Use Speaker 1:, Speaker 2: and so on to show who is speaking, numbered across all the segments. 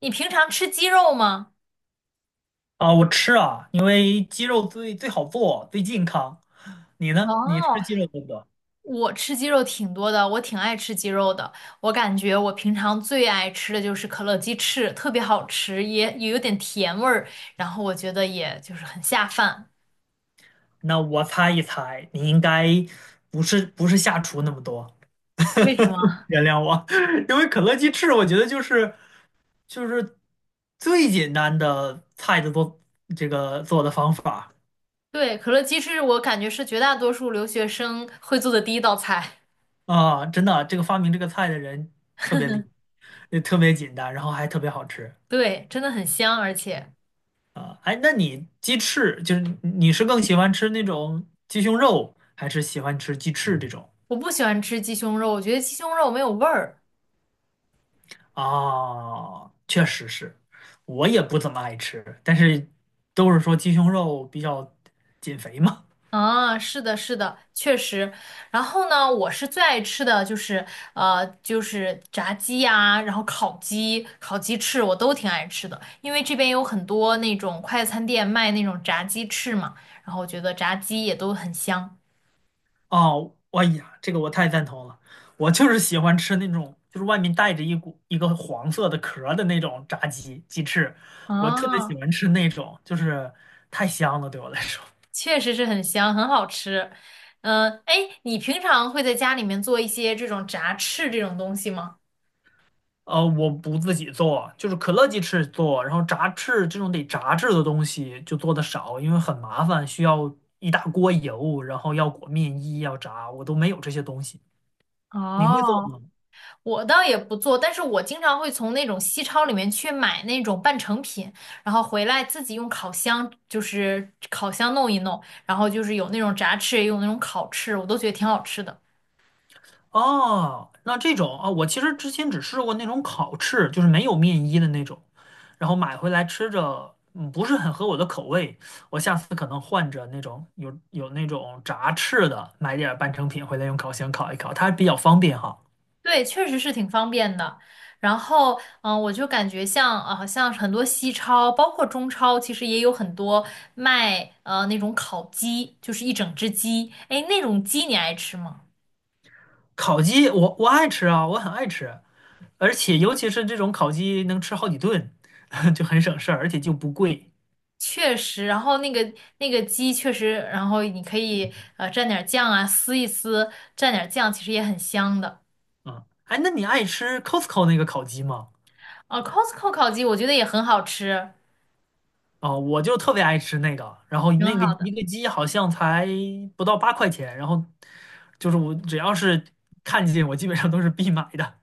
Speaker 1: 你平常吃鸡肉吗？
Speaker 2: 啊，我吃啊，因为鸡肉最好做，最健康。你呢？你吃
Speaker 1: 哦，
Speaker 2: 鸡肉多不多？
Speaker 1: 我吃鸡肉挺多的，我挺爱吃鸡肉的。我感觉我平常最爱吃的就是可乐鸡翅，特别好吃，也有点甜味儿，然后我觉得也就是很下饭。
Speaker 2: 那我猜一猜，你应该不是下厨那么多，
Speaker 1: 为什么？
Speaker 2: 原谅我，因为可乐鸡翅，我觉得就是最简单的菜的做这个做的方法。
Speaker 1: 对，可乐鸡翅我感觉是绝大多数留学生会做的第一道菜。
Speaker 2: 啊，真的，这个发明这个菜的人特别厉害，也特别简单，然后还特别好吃。
Speaker 1: 对，真的很香，而且
Speaker 2: 啊，哎，那你鸡翅就是你是更喜欢吃那种鸡胸肉，还是喜欢吃鸡翅这种？
Speaker 1: 我不喜欢吃鸡胸肉，我觉得鸡胸肉没有味儿。
Speaker 2: 啊，确实是，我也不怎么爱吃，但是都是说鸡胸肉比较减肥嘛。
Speaker 1: 啊，是的，是的，确实。然后呢，我是最爱吃的就是就是炸鸡呀、然后烤鸡、烤鸡翅，我都挺爱吃的。因为这边有很多那种快餐店卖那种炸鸡翅嘛，然后我觉得炸鸡也都很香。
Speaker 2: 哦，哎呀，这个我太赞同了，我就是喜欢吃那种就是外面带着一股一个黄色的壳儿的那种炸鸡鸡翅，我特别喜
Speaker 1: 啊，
Speaker 2: 欢吃那种，就是太香了，对我来说。
Speaker 1: 确实是很香，很好吃。嗯，哎，你平常会在家里面做一些这种炸翅这种东西吗？
Speaker 2: 我不自己做，就是可乐鸡翅做，然后炸翅这种得炸制的东西就做的少，因为很麻烦，需要一大锅油，然后要裹面衣，要炸，我都没有这些东西。你会做
Speaker 1: 哦，
Speaker 2: 吗？
Speaker 1: 我倒也不做，但是我经常会从那种西超里面去买那种半成品，然后回来自己用烤箱，就是烤箱弄一弄，然后就是有那种炸翅，也有那种烤翅，我都觉得挺好吃的。
Speaker 2: 哦，那这种啊，我其实之前只试过那种烤翅，就是没有面衣的那种，然后买回来吃着，不是很合我的口味。我下次可能换着那种有那种炸翅的，买点儿半成品回来用烤箱烤一烤，它比较方便哈。
Speaker 1: 对，确实是挺方便的。然后，我就感觉像很多西超，包括中超，其实也有很多卖那种烤鸡，就是一整只鸡。哎，那种鸡你爱吃吗？
Speaker 2: 烤鸡我爱吃啊，我很爱吃，而且尤其是这种烤鸡能吃好几顿，就很省事儿，而且就不贵
Speaker 1: 确实，然后那个鸡确实，然后你可以蘸点儿酱啊，撕一撕，蘸点儿酱，其实也很香的。
Speaker 2: 啊。哎，那你爱吃 Costco 那个烤鸡吗？
Speaker 1: 哦，Costco 烤鸡我觉得也很好吃，
Speaker 2: 啊，我就特别爱吃那个，然后
Speaker 1: 挺
Speaker 2: 那个
Speaker 1: 好的。
Speaker 2: 一个鸡好像才不到8块钱，然后就是我只要是看见我基本上都是必买的。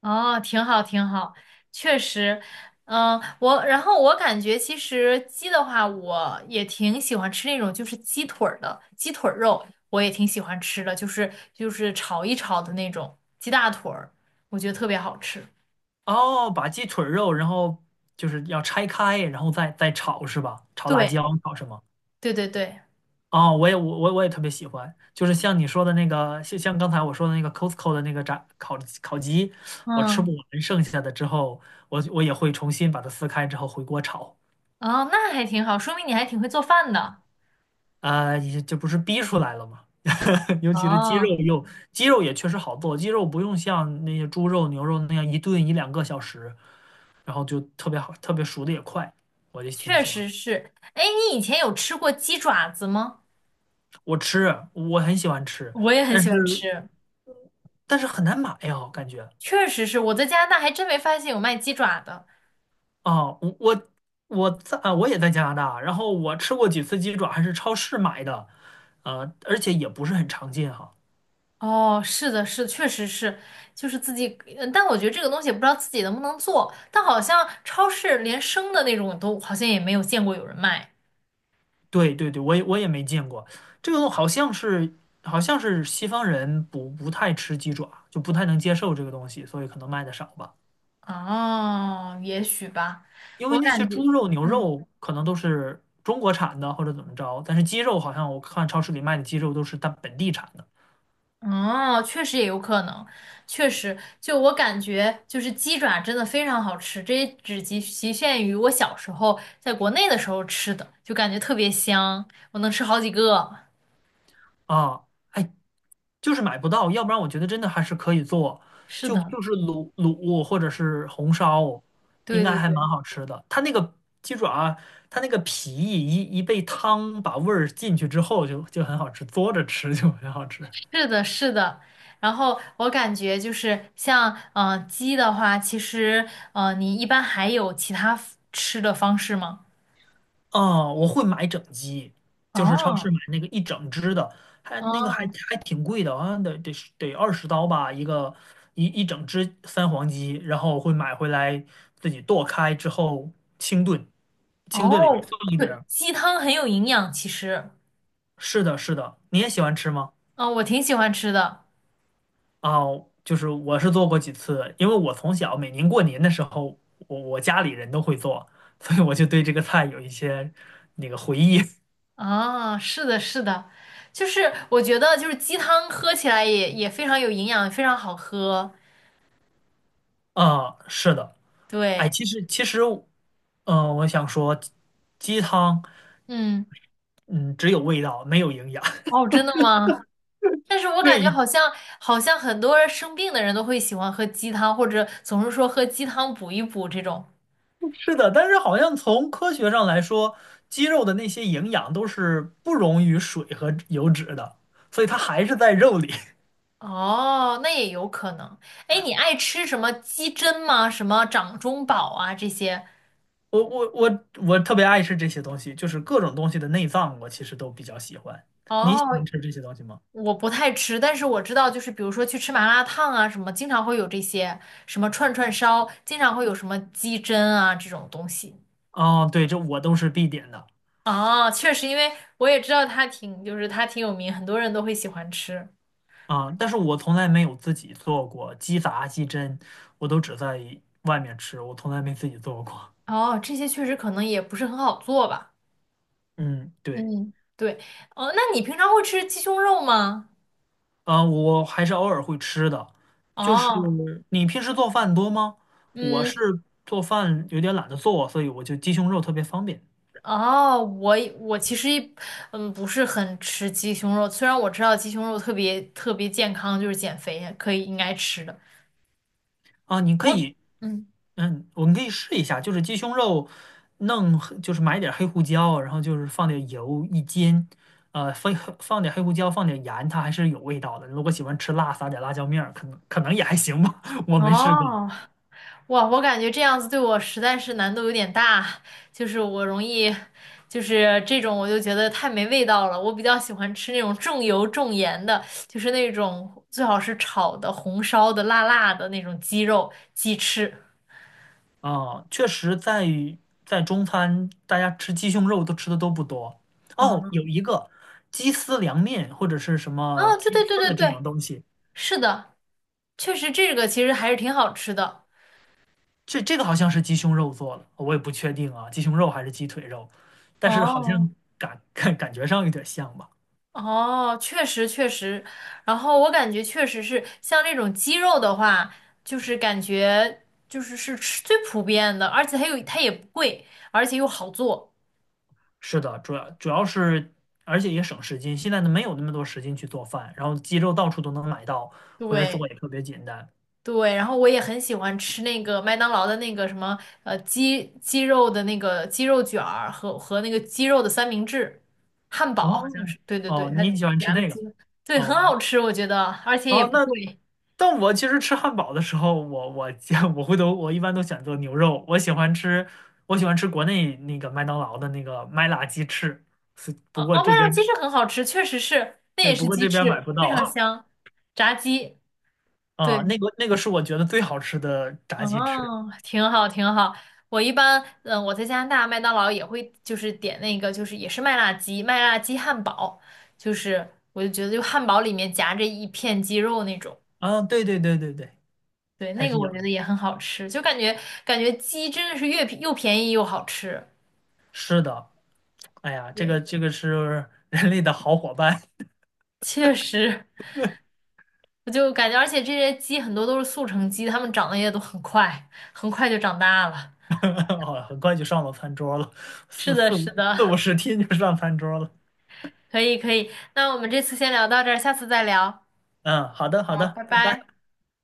Speaker 1: 哦，挺好，挺好，确实，嗯，我然后我感觉其实鸡的话，我也挺喜欢吃那种就是鸡腿儿的鸡腿儿肉，我也挺喜欢吃的，就是炒一炒的那种鸡大腿儿，我觉得特别好吃。
Speaker 2: 哦，把鸡腿肉，然后就是要拆开，然后再炒是吧？炒辣
Speaker 1: 对，
Speaker 2: 椒，炒什么？
Speaker 1: 对对对，
Speaker 2: 哦，我也我也特别喜欢，就是像你说的那个，像刚才我说的那个 Costco 的那个烤鸡，我吃
Speaker 1: 嗯。
Speaker 2: 不完剩下的之后，我也会重新把它撕开之后回锅炒，
Speaker 1: 哦，那还挺好，说明你还挺会做饭的。
Speaker 2: 啊、也这不是逼出来了吗？尤其是
Speaker 1: 哦，
Speaker 2: 鸡肉也确实好做，鸡肉不用像那些猪肉、牛肉那样一炖一两个小时，然后就特别好，特别熟的也快，我就挺
Speaker 1: 确
Speaker 2: 喜欢。
Speaker 1: 实是。哎，你以前有吃过鸡爪子吗？
Speaker 2: 我吃，我很喜欢吃，
Speaker 1: 我也很
Speaker 2: 但
Speaker 1: 喜欢
Speaker 2: 是
Speaker 1: 吃，
Speaker 2: 很难买呀，感觉。
Speaker 1: 确实是。我在加拿大还真没发现有卖鸡爪的。
Speaker 2: 啊，我也在加拿大，然后我吃过几次鸡爪，还是超市买的，而且也不是很常见哈。
Speaker 1: 哦，是的，是，确实是，就是自己，但我觉得这个东西也不知道自己能不能做，但好像超市连生的那种都好像也没有见过有人卖。
Speaker 2: 对对对，我也没见过，这个东好像是西方人不太吃鸡爪，就不太能接受这个东西，所以可能卖的少吧。
Speaker 1: 哦，也许吧，
Speaker 2: 因
Speaker 1: 我
Speaker 2: 为那些
Speaker 1: 感觉。
Speaker 2: 猪肉、牛
Speaker 1: 嗯。
Speaker 2: 肉可能都是中国产的或者怎么着，但是鸡肉好像我看超市里卖的鸡肉都是它本地产的
Speaker 1: 哦，确实也有可能，确实，就我感觉，就是鸡爪真的非常好吃，这也只局限于我小时候在国内的时候吃的，就感觉特别香，我能吃好几个。
Speaker 2: 啊。哎，就是买不到，要不然我觉得真的还是可以做，
Speaker 1: 是
Speaker 2: 就
Speaker 1: 的，
Speaker 2: 就是卤卤或者是红烧，应
Speaker 1: 对
Speaker 2: 该
Speaker 1: 对
Speaker 2: 还
Speaker 1: 对，
Speaker 2: 蛮好吃的。它那个鸡爪，它那个皮一被汤把味儿进去之后就，就很好吃，嘬着吃就很好吃。
Speaker 1: 是的，是的。然后我感觉就是像鸡的话，其实你一般还有其他 吃的方式吗？
Speaker 2: 哦，我会买整鸡，就是超市
Speaker 1: 哦
Speaker 2: 买那个一整只的，还那个还
Speaker 1: 哦
Speaker 2: 还挺贵的，好像得20刀吧，一个一整只三黄鸡，然后我会买回来自己剁开之后清炖，清炖里边
Speaker 1: 哦，
Speaker 2: 放一
Speaker 1: 对，
Speaker 2: 点。
Speaker 1: 鸡汤很有营养，其实，
Speaker 2: 是的，是的，你也喜欢吃吗？
Speaker 1: 嗯、我挺喜欢吃的。
Speaker 2: 啊，就是我是做过几次，因为我从小每年过年的时候，我家里人都会做，所以我就对这个菜有一些那个回忆。
Speaker 1: 啊，是的，是的，就是我觉得就是鸡汤喝起来也非常有营养，非常好喝。
Speaker 2: 啊，是的，哎，
Speaker 1: 对，
Speaker 2: 其实，我想说，鸡汤，
Speaker 1: 嗯，
Speaker 2: 嗯，只有味道，没有营养。
Speaker 1: 哦，真的吗？但是我感觉
Speaker 2: 对，
Speaker 1: 好像好像很多人生病的人都会喜欢喝鸡汤，或者总是说喝鸡汤补一补这种。
Speaker 2: 是的，但是好像从科学上来说，鸡肉的那些营养都是不溶于水和油脂的，所以它还是在肉里。
Speaker 1: 哦，那也有可能。哎，你爱吃什么鸡胗吗？什么掌中宝啊这些？
Speaker 2: 我特别爱吃这些东西，就是各种东西的内脏，我其实都比较喜欢。你喜
Speaker 1: 哦，
Speaker 2: 欢吃这些东西吗？
Speaker 1: 我不太吃，但是我知道，就是比如说去吃麻辣烫啊，什么经常会有这些，什么串串烧，经常会有什么鸡胗啊这种东西。
Speaker 2: 哦，对，这我都是必点的
Speaker 1: 哦，确实，因为我也知道它挺，就是它挺有名，很多人都会喜欢吃。
Speaker 2: 啊，但是我从来没有自己做过鸡杂、鸡胗，我都只在外面吃，我从来没自己做过。
Speaker 1: 哦，这些确实可能也不是很好做吧。
Speaker 2: 嗯，对，
Speaker 1: 嗯，对。哦，那你平常会吃鸡胸肉吗？
Speaker 2: 啊，我还是偶尔会吃的。就是
Speaker 1: 哦，
Speaker 2: 你平时做饭多吗？我是
Speaker 1: 嗯，
Speaker 2: 做饭有点懒得做，所以我就鸡胸肉特别方便。
Speaker 1: 哦，我其实不是很吃鸡胸肉，虽然我知道鸡胸肉特别特别健康，就是减肥可以应该吃的。
Speaker 2: 啊，你可
Speaker 1: 我
Speaker 2: 以，
Speaker 1: 嗯，
Speaker 2: 嗯，我们可以试一下，就是鸡胸肉弄黑就是买点儿黑胡椒，然后就是放点油一煎，呃，放放点黑胡椒，放点盐，它还是有味道的。如果喜欢吃辣，撒点辣椒面儿，可能也还行吧，我没试过。
Speaker 1: 哦，哇，我感觉这样子对我实在是难度有点大，就是我容易，就是这种我就觉得太没味道了。我比较喜欢吃那种重油重盐的，就是那种最好是炒的、红烧的、辣辣的那种鸡肉、鸡翅。
Speaker 2: 啊，确实在于在中餐，大家吃鸡胸肉都吃的都不多。哦，有
Speaker 1: 嗯，
Speaker 2: 一个鸡丝凉面或者是什么
Speaker 1: 哦，对
Speaker 2: 鸡
Speaker 1: 对
Speaker 2: 丝
Speaker 1: 对对
Speaker 2: 的这
Speaker 1: 对，
Speaker 2: 种东西，
Speaker 1: 是的，确实这个其实还是挺好吃的。
Speaker 2: 这个好像是鸡胸肉做的，我也不确定啊，鸡胸肉还是鸡腿肉，但是好
Speaker 1: 哦。
Speaker 2: 像感觉上有点像吧。
Speaker 1: 哦，确实确实，然后我感觉确实是像这种鸡肉的话，就是感觉就是是吃最普遍的，而且它也不贵，而且又好做。
Speaker 2: 是的，主要是，而且也省时间，现在呢没有那么多时间去做饭，然后鸡肉到处都能买到，回来做
Speaker 1: 对
Speaker 2: 也特别简单。
Speaker 1: 对，然后我也很喜欢吃那个麦当劳的那个什么呃鸡肉的那个鸡肉卷儿和那个鸡肉的三明治，汉堡好像
Speaker 2: 哦
Speaker 1: 是，对对对，
Speaker 2: 哦，
Speaker 1: 它
Speaker 2: 你喜欢吃
Speaker 1: 夹的
Speaker 2: 那
Speaker 1: 鸡
Speaker 2: 个？
Speaker 1: 肉对，很
Speaker 2: 哦
Speaker 1: 好吃，我觉得，而且也
Speaker 2: 哦，
Speaker 1: 不
Speaker 2: 那
Speaker 1: 贵。
Speaker 2: 但我其实吃汉堡的时候，我我 我回头我一般都选择牛肉，我喜欢吃国内那个麦当劳的那个麦辣鸡翅，是
Speaker 1: 哦，
Speaker 2: 不过
Speaker 1: 哦麦
Speaker 2: 这
Speaker 1: 辣鸡
Speaker 2: 边。
Speaker 1: 翅很好吃，确实是，那
Speaker 2: 对，
Speaker 1: 也
Speaker 2: 不
Speaker 1: 是
Speaker 2: 过
Speaker 1: 鸡
Speaker 2: 这边买
Speaker 1: 翅，
Speaker 2: 不
Speaker 1: 非
Speaker 2: 到
Speaker 1: 常 香，炸鸡，对，
Speaker 2: 啊。那个是我觉得最好吃的炸鸡翅
Speaker 1: 哦，挺好，挺好。我一般，嗯，我在加拿大麦当劳也会就是点那个，就是也是麦辣鸡，麦辣鸡汉堡，就是我就觉得就汉堡里面夹着一片鸡肉那种，
Speaker 2: 啊，对对对对对，
Speaker 1: 对，
Speaker 2: 还
Speaker 1: 那
Speaker 2: 是
Speaker 1: 个
Speaker 2: 有
Speaker 1: 我觉
Speaker 2: 的。
Speaker 1: 得也很好吃，就感觉感觉鸡真的是越便又便宜又好吃，
Speaker 2: 是的，哎呀，这
Speaker 1: 对，
Speaker 2: 个这个是 人类的好伙伴，
Speaker 1: 确实，我就感觉，而且这些鸡很多都是速成鸡，它们长得也都很快，很快就长大了。
Speaker 2: 哦，很快就上了餐桌了，
Speaker 1: 是
Speaker 2: 四
Speaker 1: 的，
Speaker 2: 四
Speaker 1: 是
Speaker 2: 五四五
Speaker 1: 的，
Speaker 2: 十天就上餐桌了。
Speaker 1: 可以，可以。那我们这次先聊到这儿，下次再聊。
Speaker 2: 嗯，好的好
Speaker 1: 好，
Speaker 2: 的，
Speaker 1: 拜
Speaker 2: 拜
Speaker 1: 拜。
Speaker 2: 拜。